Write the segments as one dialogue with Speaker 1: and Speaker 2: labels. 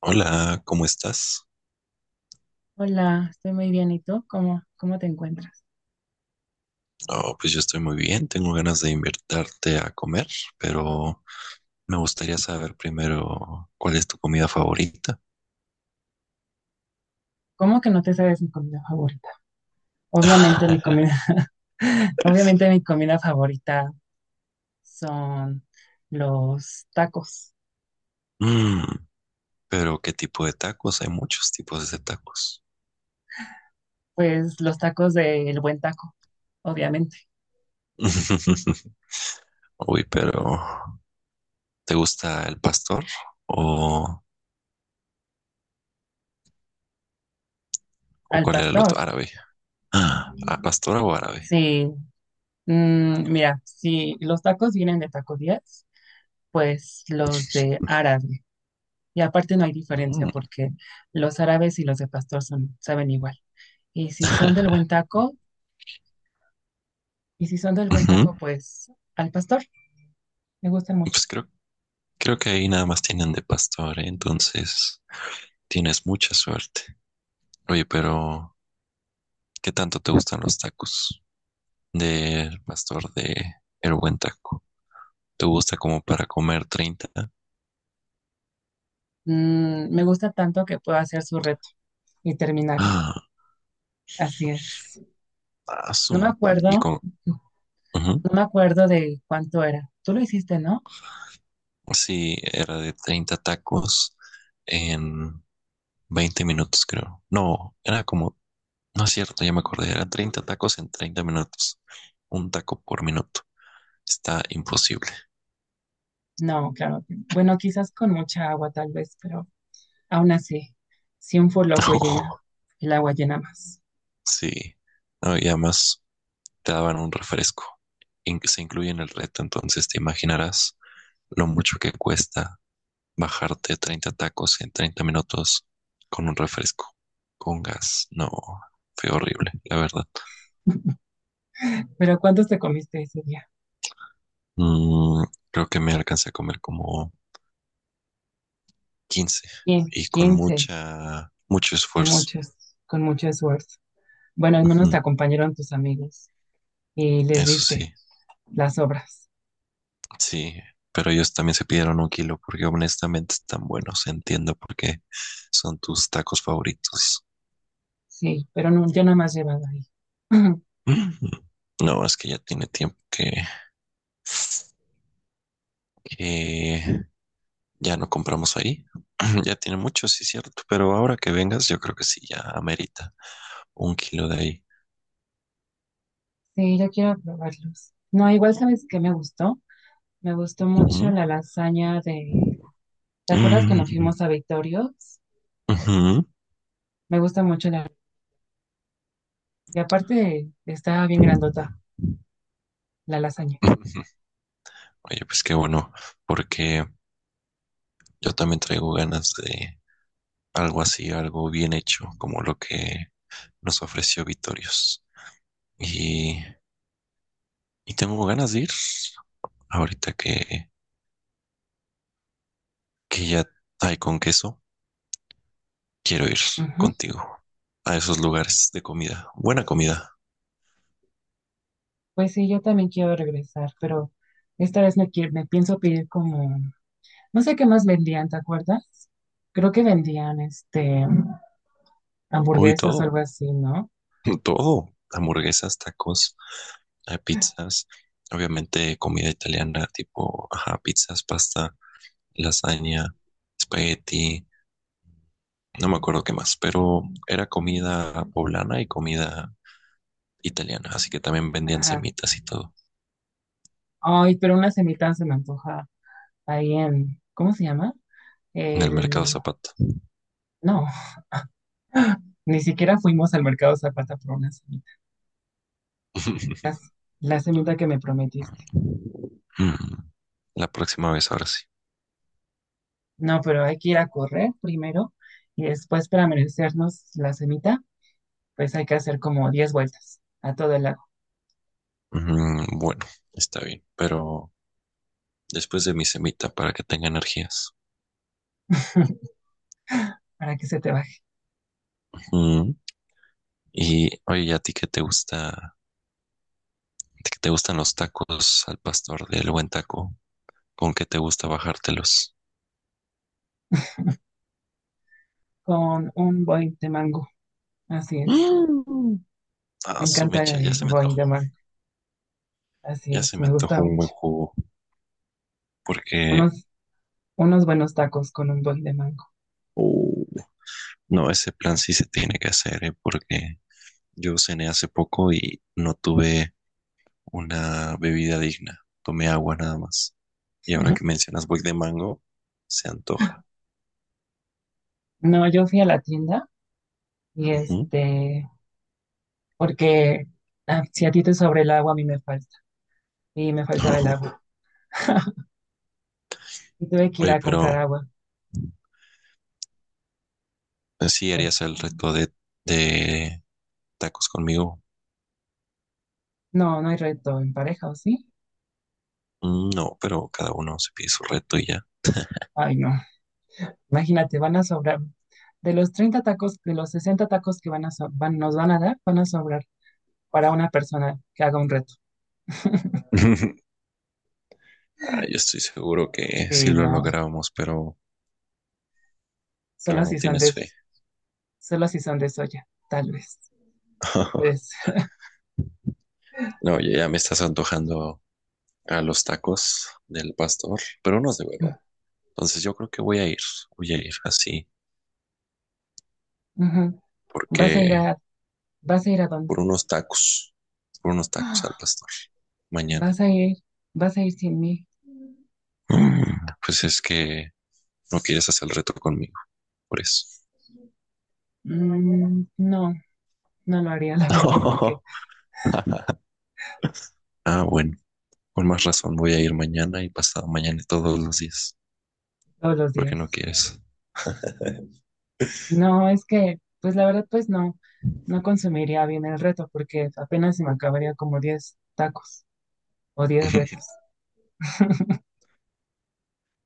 Speaker 1: Hola, ¿cómo estás?
Speaker 2: Hola, estoy muy bien. ¿Y tú? ¿Cómo te encuentras?
Speaker 1: Oh, pues yo estoy muy bien, tengo ganas de invitarte a comer, pero me gustaría saber primero cuál es tu comida favorita.
Speaker 2: ¿Cómo que no te sabes mi comida favorita? Obviamente mi comida, obviamente mi comida favorita son los tacos.
Speaker 1: Mm, pero ¿qué tipo de tacos? Hay muchos tipos de tacos.
Speaker 2: Pues los tacos del buen taco, obviamente.
Speaker 1: Uy, pero ¿te gusta el pastor o, o
Speaker 2: Al
Speaker 1: cuál era el otro
Speaker 2: pastor.
Speaker 1: árabe? Ah, ¿a ¿pastora o árabe?
Speaker 2: Sí, mira, si los tacos vienen de Taco 10, pues los de árabe. Y aparte no hay diferencia
Speaker 1: Mm.
Speaker 2: porque los árabes y los de pastor son, saben igual. Y si son del buen taco, Y si son del buen
Speaker 1: Ujú.
Speaker 2: taco, pues al pastor. Me gustan mucho.
Speaker 1: Pues creo que ahí nada más tienen de pastor, ¿eh? Entonces tienes mucha suerte. Oye, pero ¿qué tanto te gustan los tacos? Del pastor de El Buen Taco. ¿Te gusta como para comer 30?
Speaker 2: Mm, me gusta tanto que puedo hacer su reto y terminarlo.
Speaker 1: Ah,
Speaker 2: Así es. No me
Speaker 1: azul. Y
Speaker 2: acuerdo,
Speaker 1: con...
Speaker 2: no
Speaker 1: ujú.
Speaker 2: me acuerdo de cuánto era. Tú lo hiciste, ¿no?
Speaker 1: Sí, era de 30 tacos en 20 minutos, creo. No, era como... No es cierto, ya me acordé. Eran 30 tacos en 30 minutos. Un taco por minuto. Está imposible.
Speaker 2: No, claro. No. Bueno, quizás con mucha agua tal vez, pero aún así, si un loco llena,
Speaker 1: Oh,
Speaker 2: el agua llena más.
Speaker 1: sí. No, y además te daban un refresco. Se incluye en el reto, entonces te imaginarás lo mucho que cuesta bajarte 30 tacos en 30 minutos con un refresco, con gas. No, fue horrible, la verdad.
Speaker 2: Pero ¿cuántos te comiste ese día?
Speaker 1: Mm, creo que me alcancé a comer como 15 y con
Speaker 2: 15,
Speaker 1: mucha, mucho esfuerzo.
Speaker 2: con mucho esfuerzo. Bueno, al menos
Speaker 1: Ujú.
Speaker 2: te acompañaron tus amigos y les
Speaker 1: Eso
Speaker 2: diste
Speaker 1: sí,
Speaker 2: las obras.
Speaker 1: sí. Pero ellos también se pidieron un kilo porque honestamente están buenos. Entiendo por qué son tus tacos favoritos.
Speaker 2: Sí, pero no, yo no me has llevado ahí.
Speaker 1: Ujú. No, es que ya tiene tiempo que ya no compramos ahí. Ya tiene mucho, sí, cierto. Pero ahora que vengas, yo creo que sí, ya amerita un kilo de ahí.
Speaker 2: Sí, yo quiero probarlos. No, igual sabes que me gustó. Me gustó mucho
Speaker 1: Ujú.
Speaker 2: la lasaña de... ¿Te acuerdas cuando
Speaker 1: Mm,
Speaker 2: fuimos a Victorios?
Speaker 1: ujú.
Speaker 2: Me gusta mucho la... Y aparte está bien grandota la lasaña.
Speaker 1: Ujú. Oye, pues qué bueno, porque yo también traigo ganas de algo así, algo bien hecho, como lo que nos ofreció Vitorios. Y, y tengo ganas de ir. Ahorita que ya hay con queso, quiero ir
Speaker 2: Ujú.
Speaker 1: contigo a esos lugares de comida. Buena comida.
Speaker 2: Pues sí, yo también quiero regresar, pero esta vez me pienso pedir como... No sé qué más vendían, ¿te acuerdas? Creo que vendían
Speaker 1: Hoy
Speaker 2: hamburguesas o
Speaker 1: todo.
Speaker 2: algo así, ¿no?
Speaker 1: Todo, hamburguesas, tacos, pizzas, obviamente comida italiana, tipo, ajá, pizzas, pasta, lasaña, espagueti, no me acuerdo qué más, pero era comida poblana y comida italiana, así que también vendían
Speaker 2: Ajá.
Speaker 1: semitas y todo
Speaker 2: Ay, pero una semita se me antoja ahí en, ¿cómo se llama?
Speaker 1: en el
Speaker 2: El,
Speaker 1: mercado Zapato.
Speaker 2: no, ni siquiera fuimos al mercado Zapata por una semita, las- la semita que me prometiste.
Speaker 1: Mm. La próxima vez, ahora sí.
Speaker 2: No, pero hay que ir a correr primero y después para merecernos la semita, pues hay que hacer como 10 vueltas a todo el lago.
Speaker 1: Mm. Bueno, está bien, pero después de mi semita para que tenga energías.
Speaker 2: Para que se te baje
Speaker 1: Mm. Y oye, ¿y ¿a ti qué te gusta ¿Te te gustan los tacos al pastor del buen taco? ¿Con qué te gusta bajártelos?
Speaker 2: con un boing de mango. Así es,
Speaker 1: Mm.
Speaker 2: me
Speaker 1: Ah, su
Speaker 2: encanta
Speaker 1: mecha, ya
Speaker 2: el
Speaker 1: se me
Speaker 2: boing de
Speaker 1: antojó.
Speaker 2: mango. Así
Speaker 1: Ya se
Speaker 2: es,
Speaker 1: me
Speaker 2: me gusta
Speaker 1: antojó un buen
Speaker 2: mucho.
Speaker 1: jugo. Porque,
Speaker 2: Unos, Unos buenos tacos con un boing de mango.
Speaker 1: uh, no, ese plan sí se tiene que hacer, ¿eh? Porque yo cené hace poco y no tuve una bebida digna. Tomé agua nada más. Y ahora que mencionas boy de mango, se antoja.
Speaker 2: No, yo fui a la tienda y
Speaker 1: Ujú.
Speaker 2: este, porque ah, si a ti te sobra el agua, a mí me falta, y me faltaba el agua. Y tuve que ir
Speaker 1: Oye,
Speaker 2: a comprar
Speaker 1: pero
Speaker 2: agua.
Speaker 1: sí
Speaker 2: Eh,
Speaker 1: harías el reto de tacos conmigo.
Speaker 2: No, no hay reto en pareja, ¿o sí?
Speaker 1: Mm. No, pero cada uno se pide su reto y ya.
Speaker 2: Ay, no. Imagínate, van a sobrar. De los 60 tacos que van a so- van, nos van a dar, van a sobrar para una persona que haga un reto.
Speaker 1: Ah, yo estoy seguro que sí
Speaker 2: Sí,
Speaker 1: lo
Speaker 2: no.
Speaker 1: logramos, pero
Speaker 2: Solo
Speaker 1: no
Speaker 2: si son
Speaker 1: tienes
Speaker 2: de,
Speaker 1: fe.
Speaker 2: Solo si son de soya, tal vez. Pues,
Speaker 1: No, ya me estás antojando a los tacos del pastor, pero unos de
Speaker 2: mm,
Speaker 1: verdad. Entonces yo creo que voy a ir así,
Speaker 2: ujú. Vas a ir
Speaker 1: porque
Speaker 2: a, ¿Vas a ir a dónde?
Speaker 1: por unos tacos, por unos tacos al pastor, mañana.
Speaker 2: Vas a ir, Vas a ir sin mí.
Speaker 1: Mm. Pues es que no quieres hacer el reto conmigo, por eso.
Speaker 2: Mm, no, no lo haría, la verdad, porque
Speaker 1: Ah, bueno. Con más razón voy a ir mañana y pasado mañana y todos los días,
Speaker 2: todos los
Speaker 1: porque no
Speaker 2: días.
Speaker 1: quieres.
Speaker 2: No, es que, pues la verdad, pues no, no consumiría bien el reto, porque apenas se me acabaría como 10 tacos o 10 retos.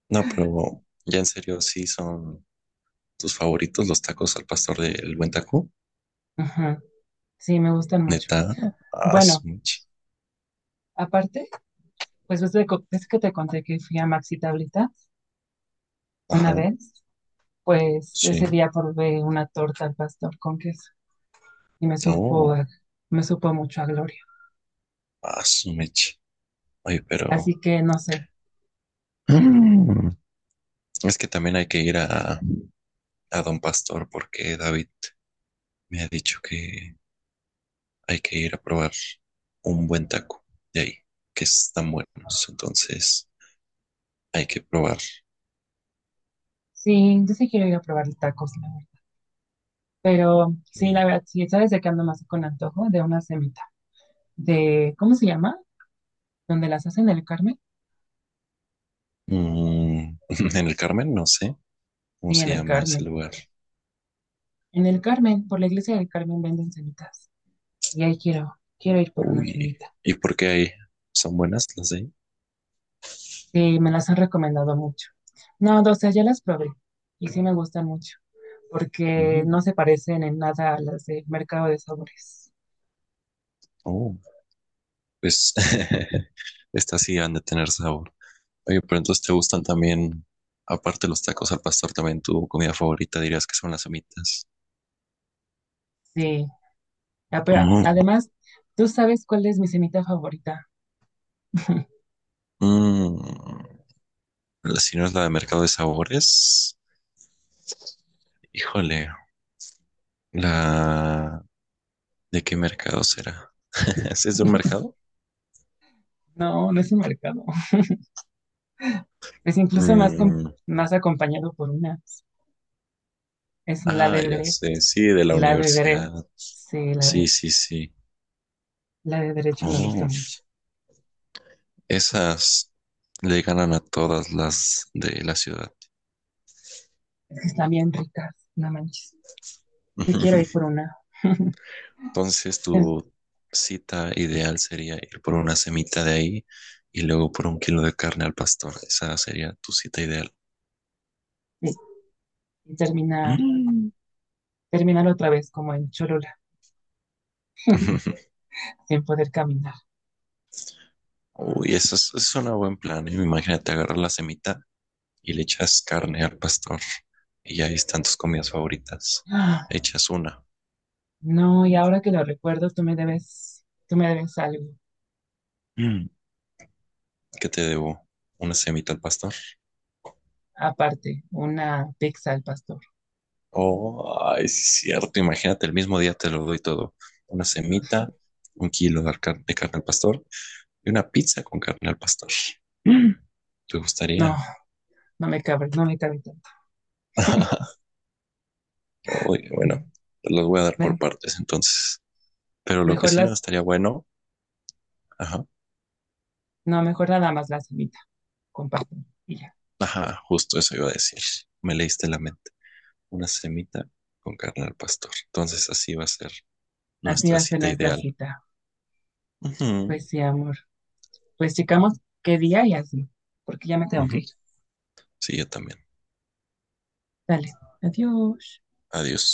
Speaker 1: No, pero ya en serio, sí son tus favoritos los tacos al pastor del Buen Taco.
Speaker 2: Ajá, sí, me gustan mucho.
Speaker 1: Neta, ah,
Speaker 2: Bueno,
Speaker 1: su meche.
Speaker 2: aparte, pues ves, ves que te conté que fui a Maxi Tablita una
Speaker 1: Ajá,
Speaker 2: vez, pues ese
Speaker 1: sí.
Speaker 2: día probé una torta al pastor con queso y
Speaker 1: Oh,
Speaker 2: me supo mucho a gloria.
Speaker 1: ah, su meche. Oye,
Speaker 2: Así
Speaker 1: pero
Speaker 2: que no sé,
Speaker 1: mm, es que también hay que ir a Don Pastor porque David me ha dicho que hay que ir a probar un buen taco de ahí, que están buenos. Entonces hay que probar.
Speaker 2: sí, yo sí quiero ir a probar tacos, la verdad. Pero sí, la verdad, sí, ¿sabes de qué ando más con antojo? De una semita. De, ¿cómo se llama? ¿Donde las hacen en el Carmen?
Speaker 1: Mm. En el Carmen, no sé cómo
Speaker 2: Sí,
Speaker 1: se
Speaker 2: en el
Speaker 1: llama ese
Speaker 2: Carmen.
Speaker 1: lugar.
Speaker 2: En el Carmen, por la iglesia del Carmen venden semitas. Y ahí quiero ir por una
Speaker 1: Uy,
Speaker 2: semita.
Speaker 1: ¿y por qué ahí? ¿Son buenas las de ahí?
Speaker 2: Sí, me las han recomendado mucho. No, o sea, ya las probé. Y sí me gustan mucho. Porque
Speaker 1: Mm,
Speaker 2: no se parecen en nada a las de mercado de sabores.
Speaker 1: oh, pues estas sí han de tener sabor. Oye, pero entonces te gustan también, aparte de los tacos al pastor, también tu comida favorita dirías que son las humitas.
Speaker 2: Sí. Ah, pero
Speaker 1: Oh,
Speaker 2: además, ¿tú sabes cuál es mi semita favorita?
Speaker 1: mm, si no es la de mercado de sabores, híjole, la ¿de qué mercado será? ¿Es de un mercado?
Speaker 2: No, no es un mercado. Es incluso más, com-
Speaker 1: Mm.
Speaker 2: Más acompañado por una. Es la
Speaker 1: Ah,
Speaker 2: de
Speaker 1: ya
Speaker 2: dere,
Speaker 1: sé, sí, de la
Speaker 2: La de dere.
Speaker 1: universidad.
Speaker 2: Sí,
Speaker 1: Sí, sí, sí.
Speaker 2: la de derecho me gusta
Speaker 1: Oh,
Speaker 2: mucho.
Speaker 1: esas le ganan a todas las de la ciudad.
Speaker 2: Es que están bien ricas, no manches. Me quiero ir por una.
Speaker 1: Entonces,
Speaker 2: Sí,
Speaker 1: tu cita ideal sería ir por una semita de ahí y luego por un kilo de carne al pastor. Esa sería tu cita ideal.
Speaker 2: sí. y terminar,
Speaker 1: Mm.
Speaker 2: Terminar otra vez como en Cholula, sin poder caminar.
Speaker 1: Uy, eso es un buen plan. ¿Eh? Imagínate agarrar la semita y le echas carne al pastor. Y ahí están tus comidas favoritas.
Speaker 2: Ah,
Speaker 1: Echas una.
Speaker 2: no, y ahora que lo recuerdo, tú me debes algo.
Speaker 1: Mm. Que te debo una semita al pastor.
Speaker 2: Aparte, una pizza al pastor.
Speaker 1: Oh, ay, sí es cierto, imagínate, el mismo día te lo doy todo. Una semita, un kilo de carne al pastor y una pizza con carne al pastor. Mm. ¿Te
Speaker 2: No,
Speaker 1: gustaría?
Speaker 2: no me cabe tanto.
Speaker 1: Uy, bueno, te los voy a dar por
Speaker 2: Me-
Speaker 1: partes entonces. Pero lo que
Speaker 2: mejor
Speaker 1: sí no
Speaker 2: las,
Speaker 1: estaría bueno, ajá,
Speaker 2: no, mejor nada más la semita con pastor y ya.
Speaker 1: ajá, justo eso iba a decir. Me leíste la mente. Una semita con carne al pastor. Entonces así va a ser
Speaker 2: Así va
Speaker 1: nuestra
Speaker 2: a ser
Speaker 1: cita
Speaker 2: nuestra
Speaker 1: ideal.
Speaker 2: cita. Pues
Speaker 1: Ujú,
Speaker 2: sí, amor. Pues checamos qué día y así, porque ya me tengo que
Speaker 1: ujú.
Speaker 2: ir.
Speaker 1: Sí, yo también.
Speaker 2: Dale, adiós.
Speaker 1: Adiós.